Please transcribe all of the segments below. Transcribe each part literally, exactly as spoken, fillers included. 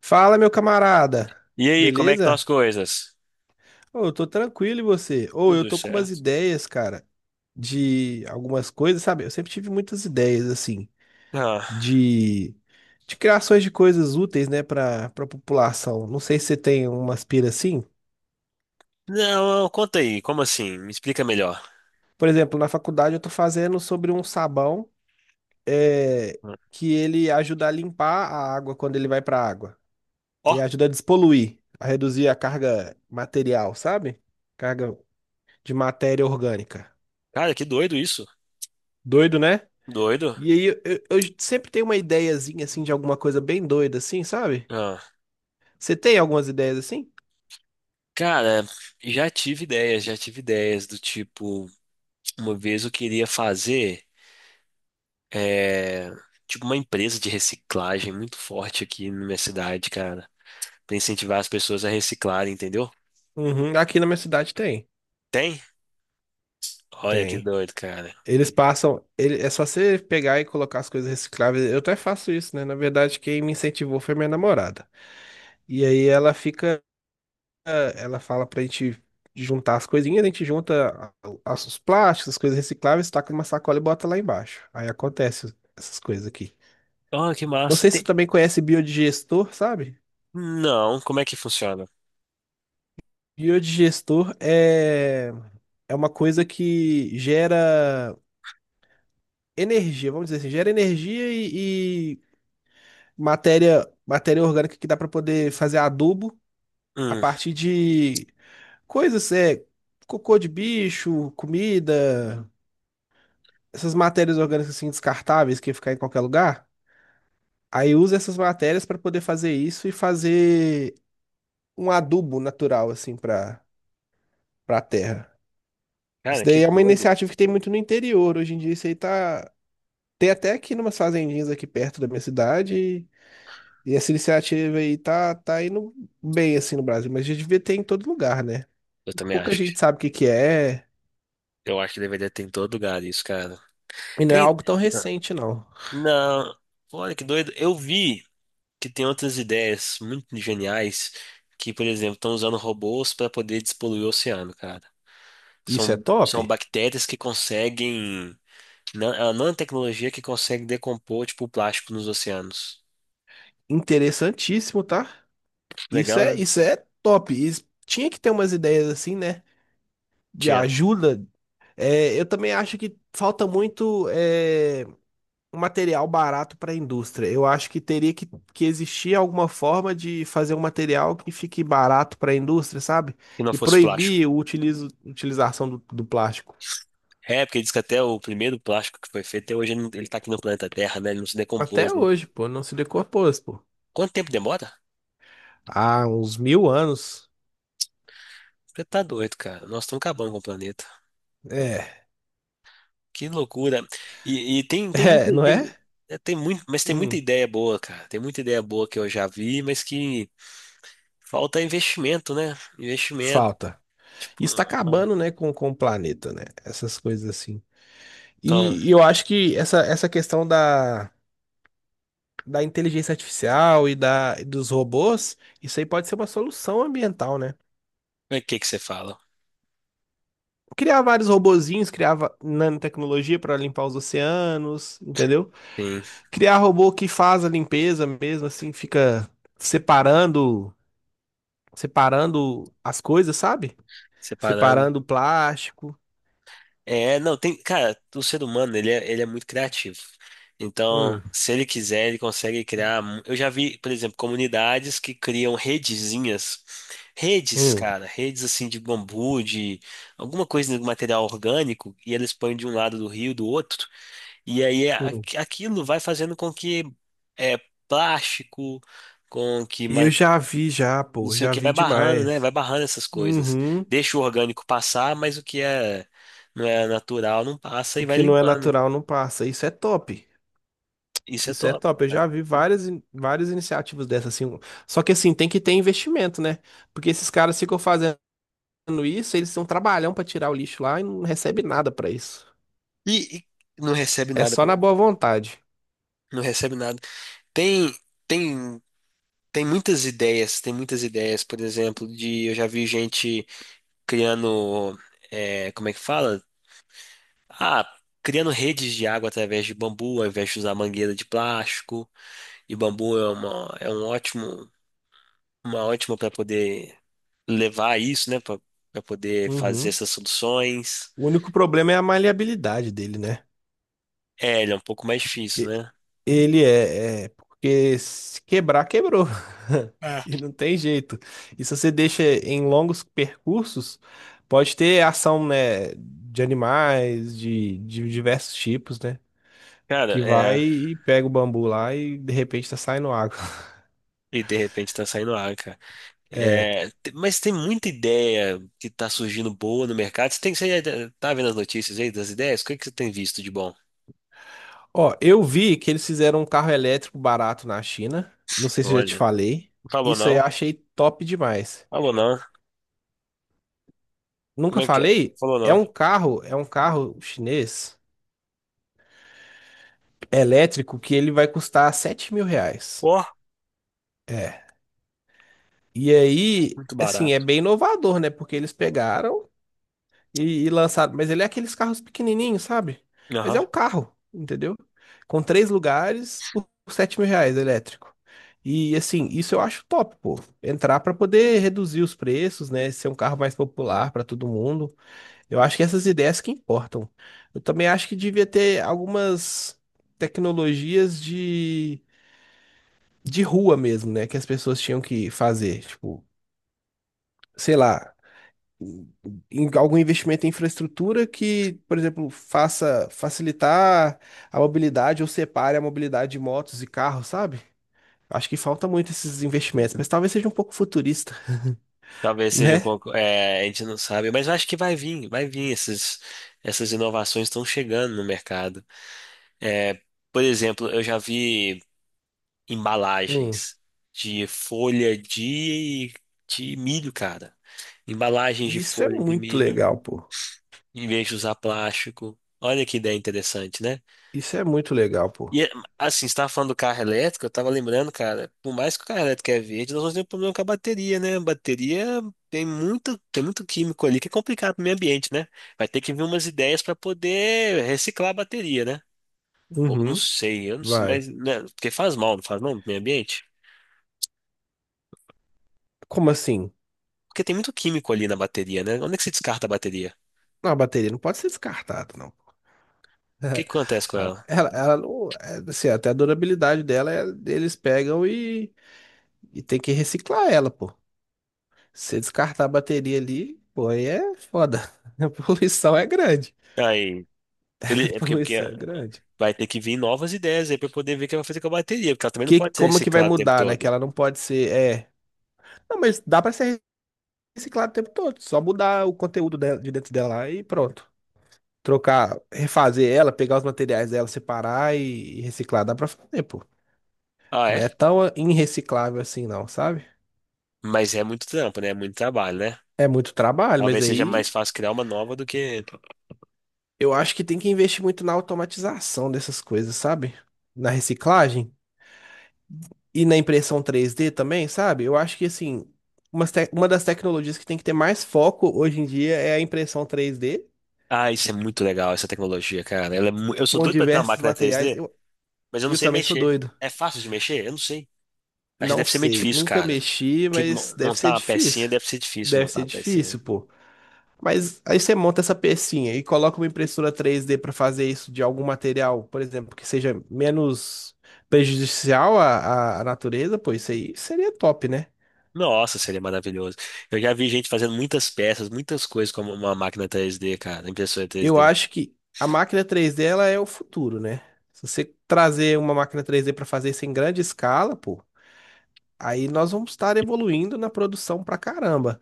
Fala, meu camarada. E aí, como é que estão as Beleza? coisas? Ô, eu tô tranquilo e você? Ou eu Tudo tô com umas certo. ideias, cara, de algumas coisas, sabe? Eu sempre tive muitas ideias assim Ah, de de criações de coisas úteis, né, para para população. Não sei se você tem umas pira assim. não, conta aí, como assim? Me explica melhor. Por exemplo, na faculdade eu tô fazendo sobre um sabão é, que ele ajuda a limpar a água quando ele vai pra água. Ó, Ele ajuda a despoluir, a reduzir a carga material, sabe? Carga de matéria orgânica. cara, que doido isso. Doido, né? Doido. E aí eu, eu- eu sempre tenho uma ideiazinha assim de alguma coisa bem doida assim, sabe? Ah, Você tem algumas ideias assim? cara, já tive ideias, já tive ideias do tipo, uma vez eu queria fazer, é, tipo, uma empresa de reciclagem muito forte aqui na minha cidade, cara, pra incentivar as pessoas a reciclarem, entendeu? Uhum, aqui na minha cidade tem. Tem? Olha que Tem. doido, cara. Eles passam, ele- é só você pegar e colocar as coisas recicláveis. Eu até faço isso, né? Na verdade, quem me incentivou foi minha namorada. E aí ela fica, eh, ela fala pra gente juntar as coisinhas, a gente junta a- as- os plásticos, as coisas recicláveis, taca numa sacola e bota lá embaixo. Aí acontece essas coisas aqui. Ó, que Não massa. sei se você Tem. também conhece biodigestor, sabe? Não, como é que funciona? Biodigestor é, é uma coisa que gera energia, vamos dizer assim, gera energia e, e matéria, matéria orgânica que dá para poder fazer adubo a Hum, partir de coisas, é, cocô de bicho, comida, essas matérias orgânicas assim descartáveis que ia ficar em qualquer lugar. Aí usa essas matérias para poder fazer isso e fazer um adubo natural assim para para a terra. Isso cara, que daí é uma doido. iniciativa que tem muito no interior. Hoje em dia isso aí tá. Tem até aqui umas fazendinhas aqui perto da minha cidade. E essa iniciativa aí tá, tá indo bem assim no Brasil, mas já devia ter em todo lugar, né? Eu também Pouca acho que. gente sabe o que que é, Eu acho que deveria ter em todo lugar isso, cara. e não é Tem. algo tão recente, não. Não. Olha que doido. Eu vi que tem outras ideias muito geniais que, por exemplo, estão usando robôs para poder despoluir o oceano, cara. Isso é São, top? são bactérias que conseguem. nan- É uma nanotecnologia que consegue decompor, tipo, o plástico nos oceanos. Interessantíssimo, tá? Isso Legal, é, né? isso é top. Isso- tinha que ter umas ideias assim, né? De Tinha. ajuda. É, eu também acho que falta muito. é, um material barato para a indústria. Eu acho que teria que, que existir alguma forma de fazer um material que fique barato para a indústria, sabe? Que não E fosse plástico. proibir o utilizo, utilização do, do plástico. É, porque diz que até o primeiro plástico que foi feito, até hoje ele não- ele tá aqui no planeta Terra, né? Ele não se decompôs, Até né? hoje, pô, não se decompôs, pô. Quanto tempo demora? Há uns mil anos. Você tá doido, cara. Nós estamos acabando com o planeta. É, Que loucura. E, e tem, tem, é, muito- não é? tem, é, tem muito, mas tem muita Hum, ideia boa, cara. Tem muita ideia boa que eu já vi, mas que falta investimento, né? Investimento. falta. Tipo, Isso tá ah, acabando, né, com, com o planeta, né? Essas coisas assim. então, E, e eu acho que essa, essa questão da da inteligência artificial e da, dos robôs, isso aí pode ser uma solução ambiental, né? o que que você fala? Criar vários robozinhos, criar va- nanotecnologia para limpar os oceanos, entendeu? Sim, Criar robô que faz a limpeza mesmo, assim, fica separando, separando as coisas, sabe? separando. Separando o plástico. É, não, tem, cara, o ser humano, ele é, ele é muito criativo. Então, Hum, se ele quiser, ele consegue criar. mu- Eu já vi, por exemplo, comunidades que criam redezinhas. Redes, hum, cara, redes assim de bambu, de alguma coisa de material orgânico, e eles põem de um lado do rio, do outro, e aí a- hum. aquilo vai fazendo com que é, plástico, com que Eu já vi já, não pô, sei o já que, vi vai barrando, né? Vai demais. barrando essas coisas. Uhum. Deixa o orgânico passar, mas o que é não é natural não passa O e vai que não é limpando. natural não passa. Isso é top. Isso é Isso é top, top. Eu cara. já vi várias, in- várias iniciativas dessas, assim. um, Só que, assim, tem que ter investimento, né? Porque esses caras ficam fazendo isso, eles têm um trabalhão pra tirar o lixo lá e não recebe nada pra isso. E, e não recebe É nada só pra na ele. boa vontade. Não recebe nada. Tem, tem, tem muitas ideias, tem muitas ideias, por exemplo, de eu já vi gente criando, é, como é que fala? Ah, criando redes de água através de bambu, ao invés de usar mangueira de plástico. E bambu é uma, é um ótimo, uma ótima para poder levar isso, né, para poder fazer Uhum. essas soluções. O único problema é a maleabilidade dele, né? É, ele é um pouco mais difícil, E- né? Ele é, é- Porque se quebrar, quebrou. É. E não tem jeito. E se você deixa em longos percursos, pode ter ação, né, de animais, de, de diversos tipos, né? Cara, Que vai é. e pega o bambu lá e de repente tá saindo água. E de repente tá saindo ar, cara. É. É, te- mas tem muita ideia que tá surgindo boa no mercado. Você tem, você já tá vendo as notícias aí das ideias? O que é que você tem visto de bom? Ó, eu vi que eles fizeram um carro elétrico barato na China. Não sei se eu já te Olha, falei. falou Isso aí não, eu achei top demais. falou não. Nunca Como é que é? falei? Falou É não. um carro, é um carro chinês elétrico que ele vai custar sete mil reais. Ó, É. E aí, muito assim, é barato. bem inovador, né? Porque eles pegaram e, e lançado. Mas ele é aqueles carros pequenininhos, sabe? Mas Aham. é um carro, entendeu? Com três lugares por sete mil reais elétrico. E assim, isso eu acho top, pô. Entrar para poder reduzir os preços, né? Ser um carro mais popular para todo mundo. Eu acho que essas ideias que importam. Eu também acho que devia ter algumas tecnologias de, de rua mesmo, né? Que as pessoas tinham que fazer. Tipo, sei lá em algum investimento em infraestrutura que, por exemplo, faça facilitar a mobilidade ou separe a mobilidade de motos e carros, sabe? Acho que falta muito esses investimentos, mas talvez seja um pouco futurista, Talvez seja um né? pouco. É, a gente não sabe, mas eu acho que vai vir, vai vir. Essas, essas inovações estão chegando no mercado. É, por exemplo, eu já vi Hum. embalagens de folha de, de milho, cara. Embalagens de Isso é folha de muito milho, legal, pô. em vez de usar plástico. Olha que ideia interessante, né? Isso é muito legal, pô. E assim, você estava falando do carro elétrico, eu estava lembrando, cara, por mais que o carro elétrico é verde, nós vamos ter um problema com a bateria, né? A bateria tem muito, tem muito químico ali que é complicado para o meio ambiente, né? Vai ter que vir umas ideias para poder reciclar a bateria, né? Ou não Uhum. sei, eu não sei, Vai. mas, né, porque faz mal, não faz mal pro meio ambiente? Como assim? Porque tem muito químico ali na bateria, né? Onde é que se descarta a bateria? O Não, a bateria não pode ser descartada, não. que que acontece com A- ela? Ela, ela não, é, assim, até a durabilidade dela, é- eles pegam e, e tem que reciclar ela, pô. Se você descartar a bateria ali, pô, aí é foda. A poluição é grande. Aí, A ele- é porque, porque, poluição é grande. vai ter que vir novas ideias aí pra eu poder ver o que vai fazer com a bateria, porque ela também não Que, pode ser como que vai reciclada o tempo mudar, né? Que todo. ela não pode ser. É. Não, mas dá pra ser reciclado o tempo todo. Só mudar o conteúdo dela, de dentro dela lá e pronto. Trocar, refazer ela, pegar os materiais dela, separar e, e reciclar. Dá pra fazer, pô. Ah, Não é? é tão irreciclável assim, não, sabe? Mas é muito trampo, né? É muito trabalho, né? É muito trabalho, mas Talvez seja mais aí fácil criar uma nova do que. eu acho que tem que investir muito na automatização dessas coisas, sabe? Na reciclagem. E na impressão três D também, sabe? Eu acho que, assim, umas te- uma das tecnologias que tem que ter mais foco hoje em dia é a impressão três D, Ah, isso é muito legal, essa tecnologia, cara. Ela é mu- Eu sou com doido pra ter uma diversos máquina materiais. três dê, Eu, mas eu não eu sei também sou mexer. doido. É fácil de mexer? Eu não sei. Acho que Não deve ser meio sei, difícil, nunca cara. mexi, Que mas mo- deve Montar ser uma pecinha difícil. deve ser difícil Deve montar ser uma difícil, pecinha. pô. Mas aí você monta essa pecinha e coloca uma impressora três D para fazer isso de algum material, por exemplo, que seja menos prejudicial à, à à natureza, pô, isso aí seria top, né? Nossa, seria maravilhoso. Eu já vi gente fazendo muitas peças, muitas coisas com uma máquina três dê, cara, impressora três Eu d acho que a máquina três D ela é o futuro, né? Se você trazer uma máquina três D para fazer isso em grande escala, pô, aí nós vamos estar evoluindo na produção pra caramba.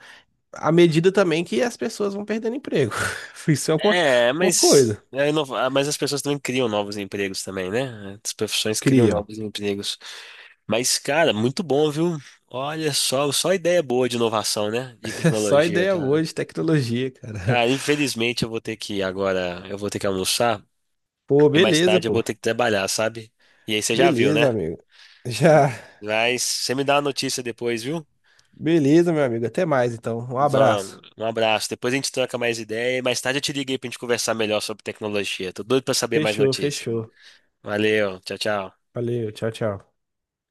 À medida também que as pessoas vão perdendo emprego. Isso é uma, É, uma mas, coisa. é inova- ah, mas as pessoas também criam novos empregos também, né? As profissões criam Criam. novos empregos. Mas, cara, muito bom, viu? Olha só, só ideia boa de inovação, né? De É só tecnologia, ideia boa cara. de tecnologia, cara. Cara, infelizmente eu vou ter que ir agora, eu vou ter que almoçar Pô, e mais beleza, tarde eu vou pô. ter que trabalhar, sabe? E aí você já viu, Beleza, né? amigo. Já. Mas você me dá uma notícia depois, viu? Beleza, meu amigo. Até mais, então. Um abraço. Vamos, um abraço. Depois a gente troca mais ideia e mais tarde eu te liguei pra gente conversar melhor sobre tecnologia. Tô doido pra saber mais Fechou, notícias. fechou. Valeu, tchau, tchau. Valeu, tchau, tchau.